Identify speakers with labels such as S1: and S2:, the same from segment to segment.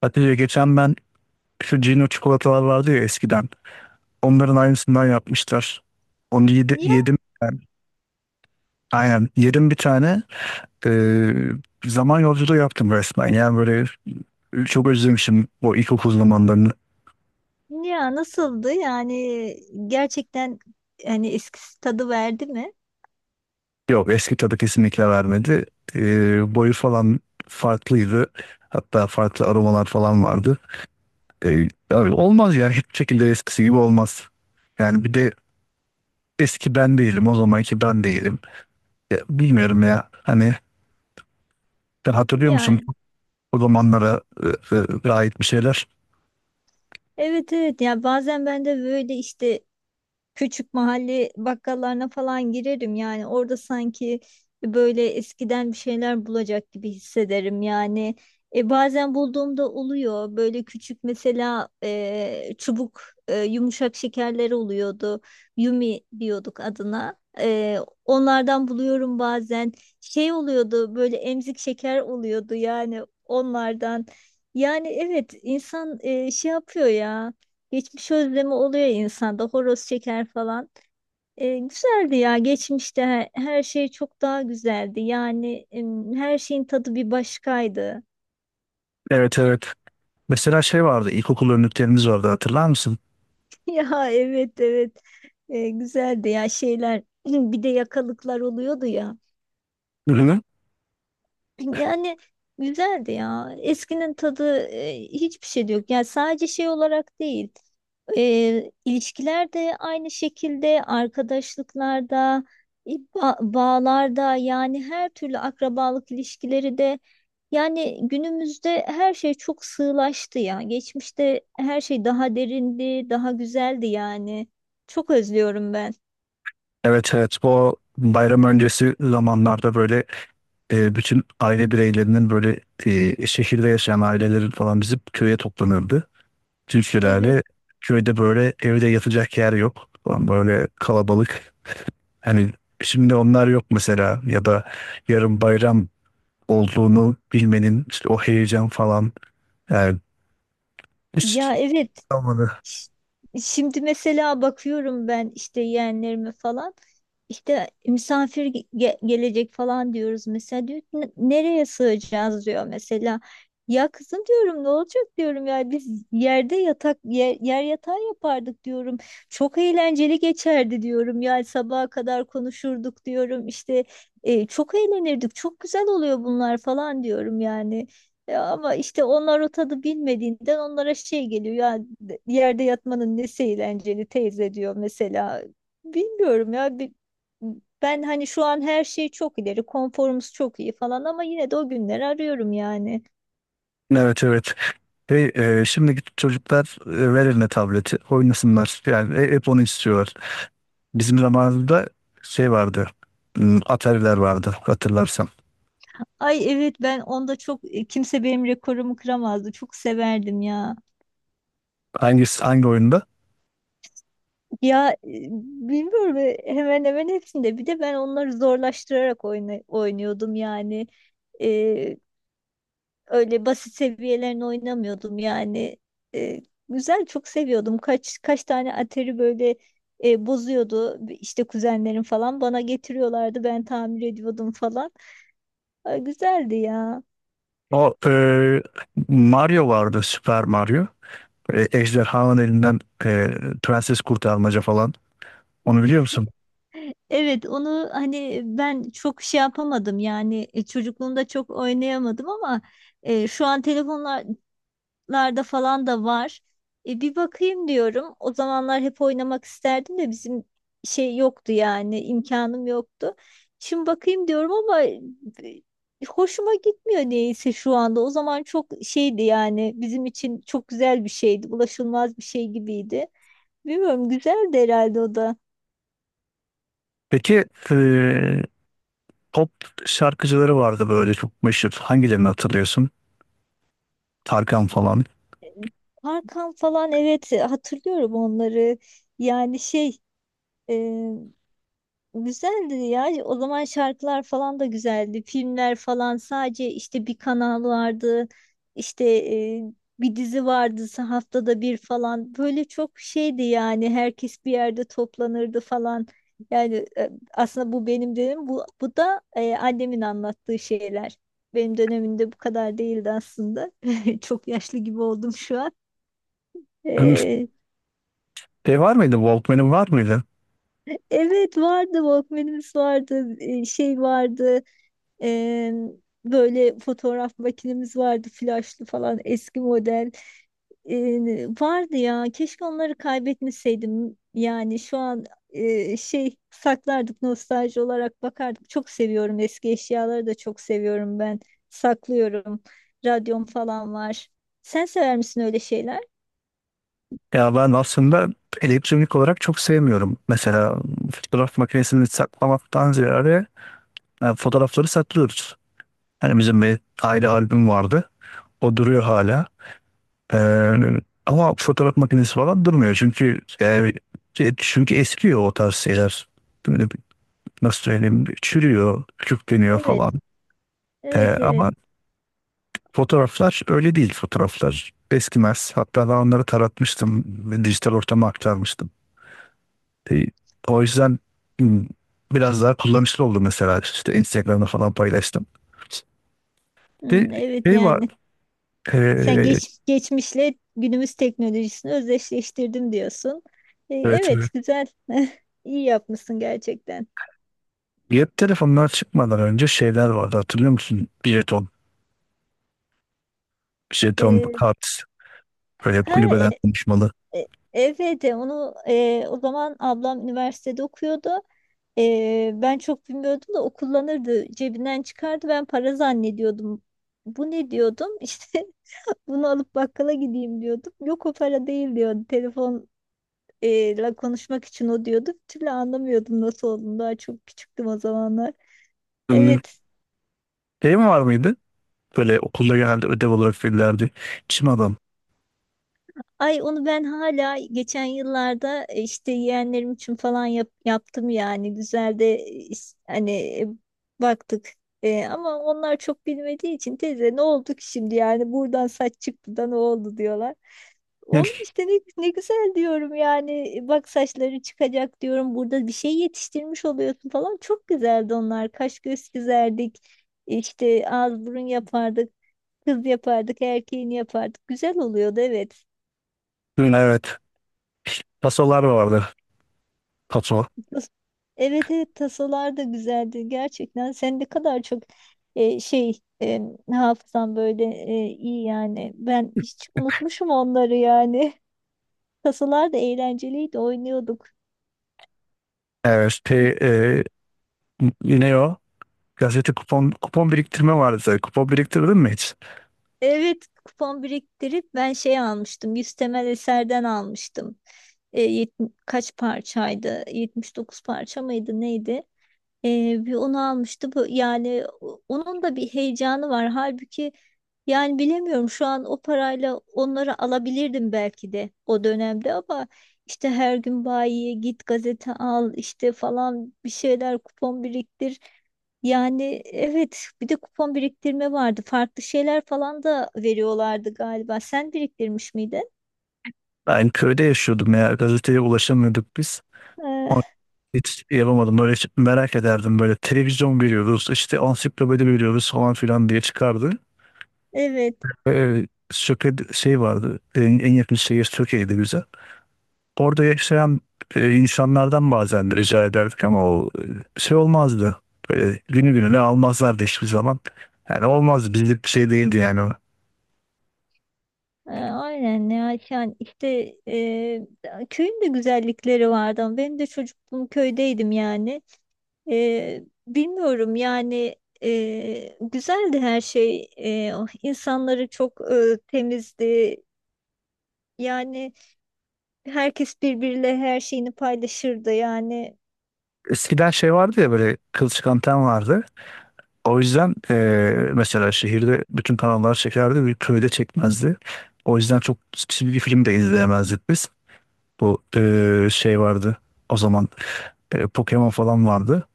S1: Hatice, geçen ben şu Cino çikolatalar vardı ya eskiden. Onların aynısından yapmışlar. Onu
S2: Ya,
S1: yedim ben. Aynen, yedim bir tane. Ee, Zaman yolculuğu yaptım resmen. Yani böyle çok özlemişim o ilkokul zamanlarını.
S2: ya nasıldı? Yani gerçekten, hani eskisi tadı verdi mi?
S1: Yok, eski tadı kesinlikle vermedi. Boyu falan farklıydı. Hatta farklı aromalar falan vardı. Abi, olmaz yani, hiçbir şekilde eskisi gibi olmaz. Yani bir de eski ben değilim, o zamanki ben değilim. Ya, bilmiyorum ya. Hani sen hatırlıyor
S2: Ya,
S1: musun o zamanlara ait bir şeyler?
S2: evet evet, ya bazen ben de böyle, işte küçük mahalle bakkallarına falan girerim, yani orada sanki böyle eskiden bir şeyler bulacak gibi hissederim yani. Bazen bulduğumda oluyor, böyle küçük, mesela çubuk yumuşak şekerler oluyordu, Yumi diyorduk adına. Onlardan buluyorum bazen. Şey oluyordu böyle, emzik şeker oluyordu yani, onlardan. Yani evet, insan şey yapıyor ya, geçmiş özlemi oluyor insanda, horoz çeker falan. Güzeldi ya, geçmişte her şey çok daha güzeldi. Yani her şeyin tadı bir başkaydı.
S1: Evet, evet. Mesela şey vardı, ilkokul önlüklerimiz vardı, hatırlar mısın?
S2: Ya, evet evet. Güzeldi ya şeyler. Bir de yakalıklar oluyordu ya.
S1: Ürünü.
S2: Yani güzeldi ya. Eskinin tadı hiçbir şey de yok. Yani sadece şey olarak değil. İlişkiler de aynı şekilde, arkadaşlıklarda, bağlarda, yani her türlü akrabalık ilişkileri de. Yani günümüzde her şey çok sığlaştı ya. Geçmişte her şey daha derindi, daha güzeldi yani. Çok özlüyorum ben.
S1: Evet, evet, bu bayram öncesi zamanlarda böyle, bütün aile bireylerinin böyle, şehirde yaşayan ailelerin falan bizim köye toplanırdı.
S2: Evet.
S1: Türkülerle köyde, böyle evde yatacak yer yok falan, böyle kalabalık. Hani şimdi onlar yok mesela, ya da yarın bayram olduğunu bilmenin işte o heyecan falan, yani hiç
S2: Ya, evet.
S1: kalmadı.
S2: Ş- Şimdi mesela bakıyorum ben, işte yeğenlerime falan, işte misafir gelecek falan diyoruz mesela, diyor ki, Nereye sığacağız," diyor mesela. Ya kızım diyorum, ne olacak diyorum, ya biz yerde yer yatağı yapardık diyorum. Çok eğlenceli geçerdi diyorum, ya sabaha kadar konuşurduk diyorum işte, çok eğlenirdik, çok güzel oluyor bunlar falan diyorum yani. Ya ama işte onlar o tadı bilmediğinden onlara şey geliyor ya, yerde yatmanın nesi eğlenceli teyze, diyor mesela. Bilmiyorum ya. Ben hani, şu an her şey çok ileri, konforumuz çok iyi falan, ama yine de o günleri arıyorum yani.
S1: Evet, evet. Hey, şimdiki çocuklar, ver eline tableti oynasınlar. Yani hep onu istiyorlar. Bizim zamanımızda şey vardı. Atari'ler vardı, hatırlarsam.
S2: Ay evet, ben onda çok, kimse benim rekorumu kıramazdı, çok severdim ya.
S1: Hangisi, hangi oyunda?
S2: Ya e, Bilmiyorum, hemen hemen hepsinde. Bir de ben onları zorlaştırarak oynuyordum yani. E, Öyle basit seviyelerini oynamıyordum yani. E, Güzel, çok seviyordum. Kaç kaç tane atari böyle bozuyordu, işte kuzenlerim falan bana getiriyorlardı, ben tamir ediyordum falan. Ay, güzeldi ya.
S1: O Mario vardı, Super Mario. Ejderhanın elinden prenses kurtarmaca falan. Onu biliyor musun?
S2: Evet onu hani ben çok şey yapamadım yani, çocukluğumda çok oynayamadım, ama şu an telefonlar larda falan da var. Bir bakayım diyorum. O zamanlar hep oynamak isterdim de bizim şey yoktu yani, imkanım yoktu. Şimdi bakayım diyorum ama hoşuma gitmiyor neyse şu anda. O zaman çok şeydi yani, bizim için çok güzel bir şeydi. Ulaşılmaz bir şey gibiydi. Bilmiyorum, güzeldi herhalde o da.
S1: Peki, e, pop şarkıcıları vardı böyle çok meşhur. Hangilerini hatırlıyorsun? Tarkan falan.
S2: Parkan falan, evet hatırlıyorum onları. Yani şey, e, güzeldi ya. O zaman şarkılar falan da güzeldi. Filmler falan, sadece işte bir kanal vardı. İşte bir dizi vardı, haftada bir falan. Böyle çok şeydi yani. Herkes bir yerde toplanırdı falan. Yani aslında bu benim dönemim. Bu da annemin anlattığı şeyler. Benim dönemimde bu kadar değildi aslında. Çok yaşlı gibi oldum şu an. E,
S1: Şey var mıydı? Walkman'in var mıydı?
S2: evet vardı. Walkman'imiz vardı. Şey vardı. Ee, Böyle fotoğraf makinemiz vardı, flaşlı falan, eski model. Vardı ya, keşke onları kaybetmeseydim. Yani şu an şey saklardık, nostalji olarak bakardık. Çok seviyorum, eski eşyaları da çok seviyorum ben. Saklıyorum. Radyom falan var. Sen sever misin öyle şeyler?
S1: Ya ben aslında elektronik olarak çok sevmiyorum. Mesela fotoğraf makinesini saklamaktan ziyade, yani fotoğrafları saklıyoruz. Hani bizim bir aile albüm vardı. O duruyor hala. Ee, Ama fotoğraf makinesi falan durmuyor. Çünkü yani, çünkü eskiyor o tarz şeyler. Böyle nasıl söyleyeyim? Çürüyor, küçükleniyor
S2: Evet.
S1: falan.
S2: Evet, evet.
S1: Ama fotoğraflar öyle değil, fotoğraflar eskimez. Hatta ben onları taratmıştım ve dijital ortama aktarmıştım. E, O yüzden hmm, biraz daha kullanışlı oldu, mesela işte Instagram'da falan paylaştım. Bir
S2: Hmm, evet
S1: şey var.
S2: yani. Sen
S1: E,
S2: geçmişle günümüz teknolojisini özdeşleştirdim diyorsun.
S1: evet, evet.
S2: Evet, güzel. İyi yapmışsın gerçekten.
S1: Cep telefonlar çıkmadan önce şeyler vardı, hatırlıyor musun? Jeton
S2: E,
S1: kart, böyle
S2: ha e,
S1: kulübeden konuşmalı.
S2: e, evet, onu, o zaman ablam üniversitede okuyordu. Ben çok bilmiyordum da, o kullanırdı. Cebinden çıkardı, ben para zannediyordum. Bu ne, diyordum. İşte bunu alıp bakkala gideyim diyordum. Yok, o para değil diyordu. Telefonla konuşmak için o, diyordu. Bir türlü anlamıyordum nasıl olduğunu. Daha çok küçüktüm o zamanlar.
S1: Hmm,
S2: Evet.
S1: Şey mi var mıydı? Böyle okulda genelde ödev olarak verirlerdi. Çim adam.
S2: Ay, onu ben hala geçen yıllarda, işte yeğenlerim için falan yaptım yani, güzel de hani, baktık. Ama onlar çok bilmediği için, teyze ne oldu ki şimdi, yani buradan saç çıktı da ne oldu, diyorlar.
S1: Gel.
S2: Oğlum işte, ne güzel diyorum yani. Bak, saçları çıkacak diyorum, burada bir şey yetiştirmiş oluyorsun falan, çok güzeldi onlar, kaş göz çizerdik, işte ağız burun yapardık, kız yapardık, erkeğini yapardık, güzel oluyordu, evet.
S1: Hmm. Evet. Tasolar vardı. Taso.
S2: Tas- Evet, evet, tasolar da güzeldi gerçekten. Sen ne kadar çok, şey, hafızan böyle iyi yani. Ben hiç unutmuşum onları yani. Tasolar da eğlenceliydi, oynuyorduk.
S1: Evet.
S2: E,
S1: E, Ne o? Gazete kupon kupon biriktirme vardı. Kupon biriktirdin mi hiç?
S2: Evet, kupon biriktirip ben şey almıştım. 100 temel eserden almıştım. Kaç parçaydı? 79 parça mıydı, neydi? Bir onu almıştı. Bu, yani onun da bir heyecanı var. Halbuki yani, bilemiyorum, şu an o parayla onları alabilirdim belki de o dönemde, ama işte her gün bayiye git, gazete al işte falan, bir şeyler kupon biriktir. Yani evet, bir de kupon biriktirme vardı. Farklı şeyler falan da veriyorlardı galiba. Sen biriktirmiş miydin?
S1: Ben köyde yaşıyordum ya. Gazeteye ulaşamıyorduk biz.
S2: Ee,
S1: Ama hiç yapamadım. Böyle hiç merak ederdim. Böyle televizyon veriyoruz, işte ansiklopedi veriyoruz falan filan diye çıkardı.
S2: evet.
S1: Söke şey vardı. En yakın şehir Söke'ydi bize. Orada yaşayan insanlardan bazen rica ederdik, ama o şey olmazdı. Böyle günü gününe almazlardı hiçbir zaman. Yani olmazdı. Bizlik bir şey değildi yani o.
S2: Aynen ya, yani işte köyün de güzellikleri vardı, ama ben de çocukluğum köydeydim yani. Bilmiyorum yani, güzeldi her şey. O insanları çok, temizdi. Yani herkes birbiriyle her şeyini paylaşırdı yani.
S1: Eskiden şey vardı ya, böyle kılçık anten vardı. O yüzden mesela şehirde bütün kanallar çekerdi, bir köyde çekmezdi. O yüzden çok çizgi film de izleyemezdik biz. Bu şey vardı o zaman, Pokemon falan vardı.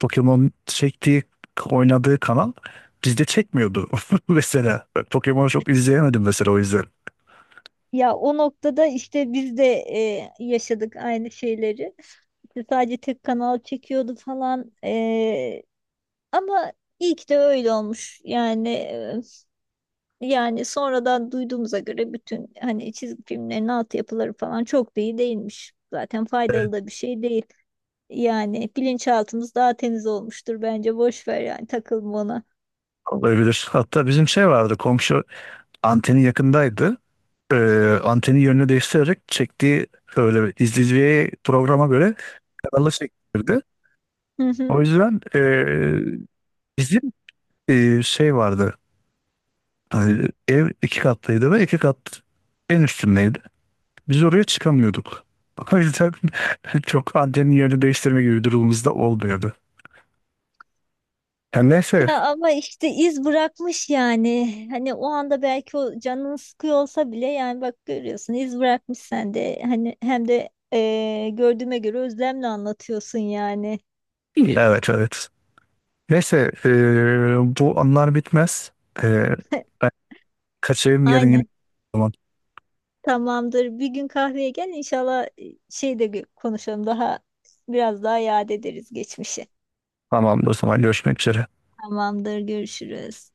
S1: Pokemon çektiği, oynadığı kanal bizde çekmiyordu mesela. Pokemon çok izleyemedim mesela, o yüzden.
S2: Ya, o noktada işte biz de yaşadık aynı şeyleri. İşte sadece tek kanal çekiyordu falan. Ama iyi ki de öyle olmuş. Yani sonradan duyduğumuza göre bütün hani çizgi filmlerin altyapıları falan çok da iyi değilmiş. Zaten faydalı da bir şey değil. Yani bilinçaltımız daha temiz olmuştur bence. Boş ver, yani takılma ona.
S1: Olabilir. Hatta bizim şey vardı, komşu anteni yakındaydı. Anteni yönünü değiştirerek çektiği böyle, izleyiciye programa göre kanalı çektirdi.
S2: Hı
S1: O
S2: hı.
S1: yüzden bizim şey vardı. Hani ev iki katlıydı ve iki kat en üstündeydi. Biz oraya çıkamıyorduk. O yüzden çok antenin yerini değiştirme gibi durumumuzda olmuyordu. Ya neyse.
S2: Ya ama işte iz bırakmış yani. Hani o anda belki o canın sıkıyor olsa bile, yani bak görüyorsun iz bırakmış sende. Hani hem de gördüğüme göre özlemle anlatıyorsun yani.
S1: İyi. Evet, evet. Neyse bu anlar bitmez. Eee, Ben kaçayım yarın yine.
S2: Aynen.
S1: Tamam.
S2: Tamamdır. Bir gün kahveye gel inşallah, şey de konuşalım, daha biraz daha yad ederiz geçmişi.
S1: Tamam, o zaman görüşmek üzere.
S2: Tamamdır. Görüşürüz.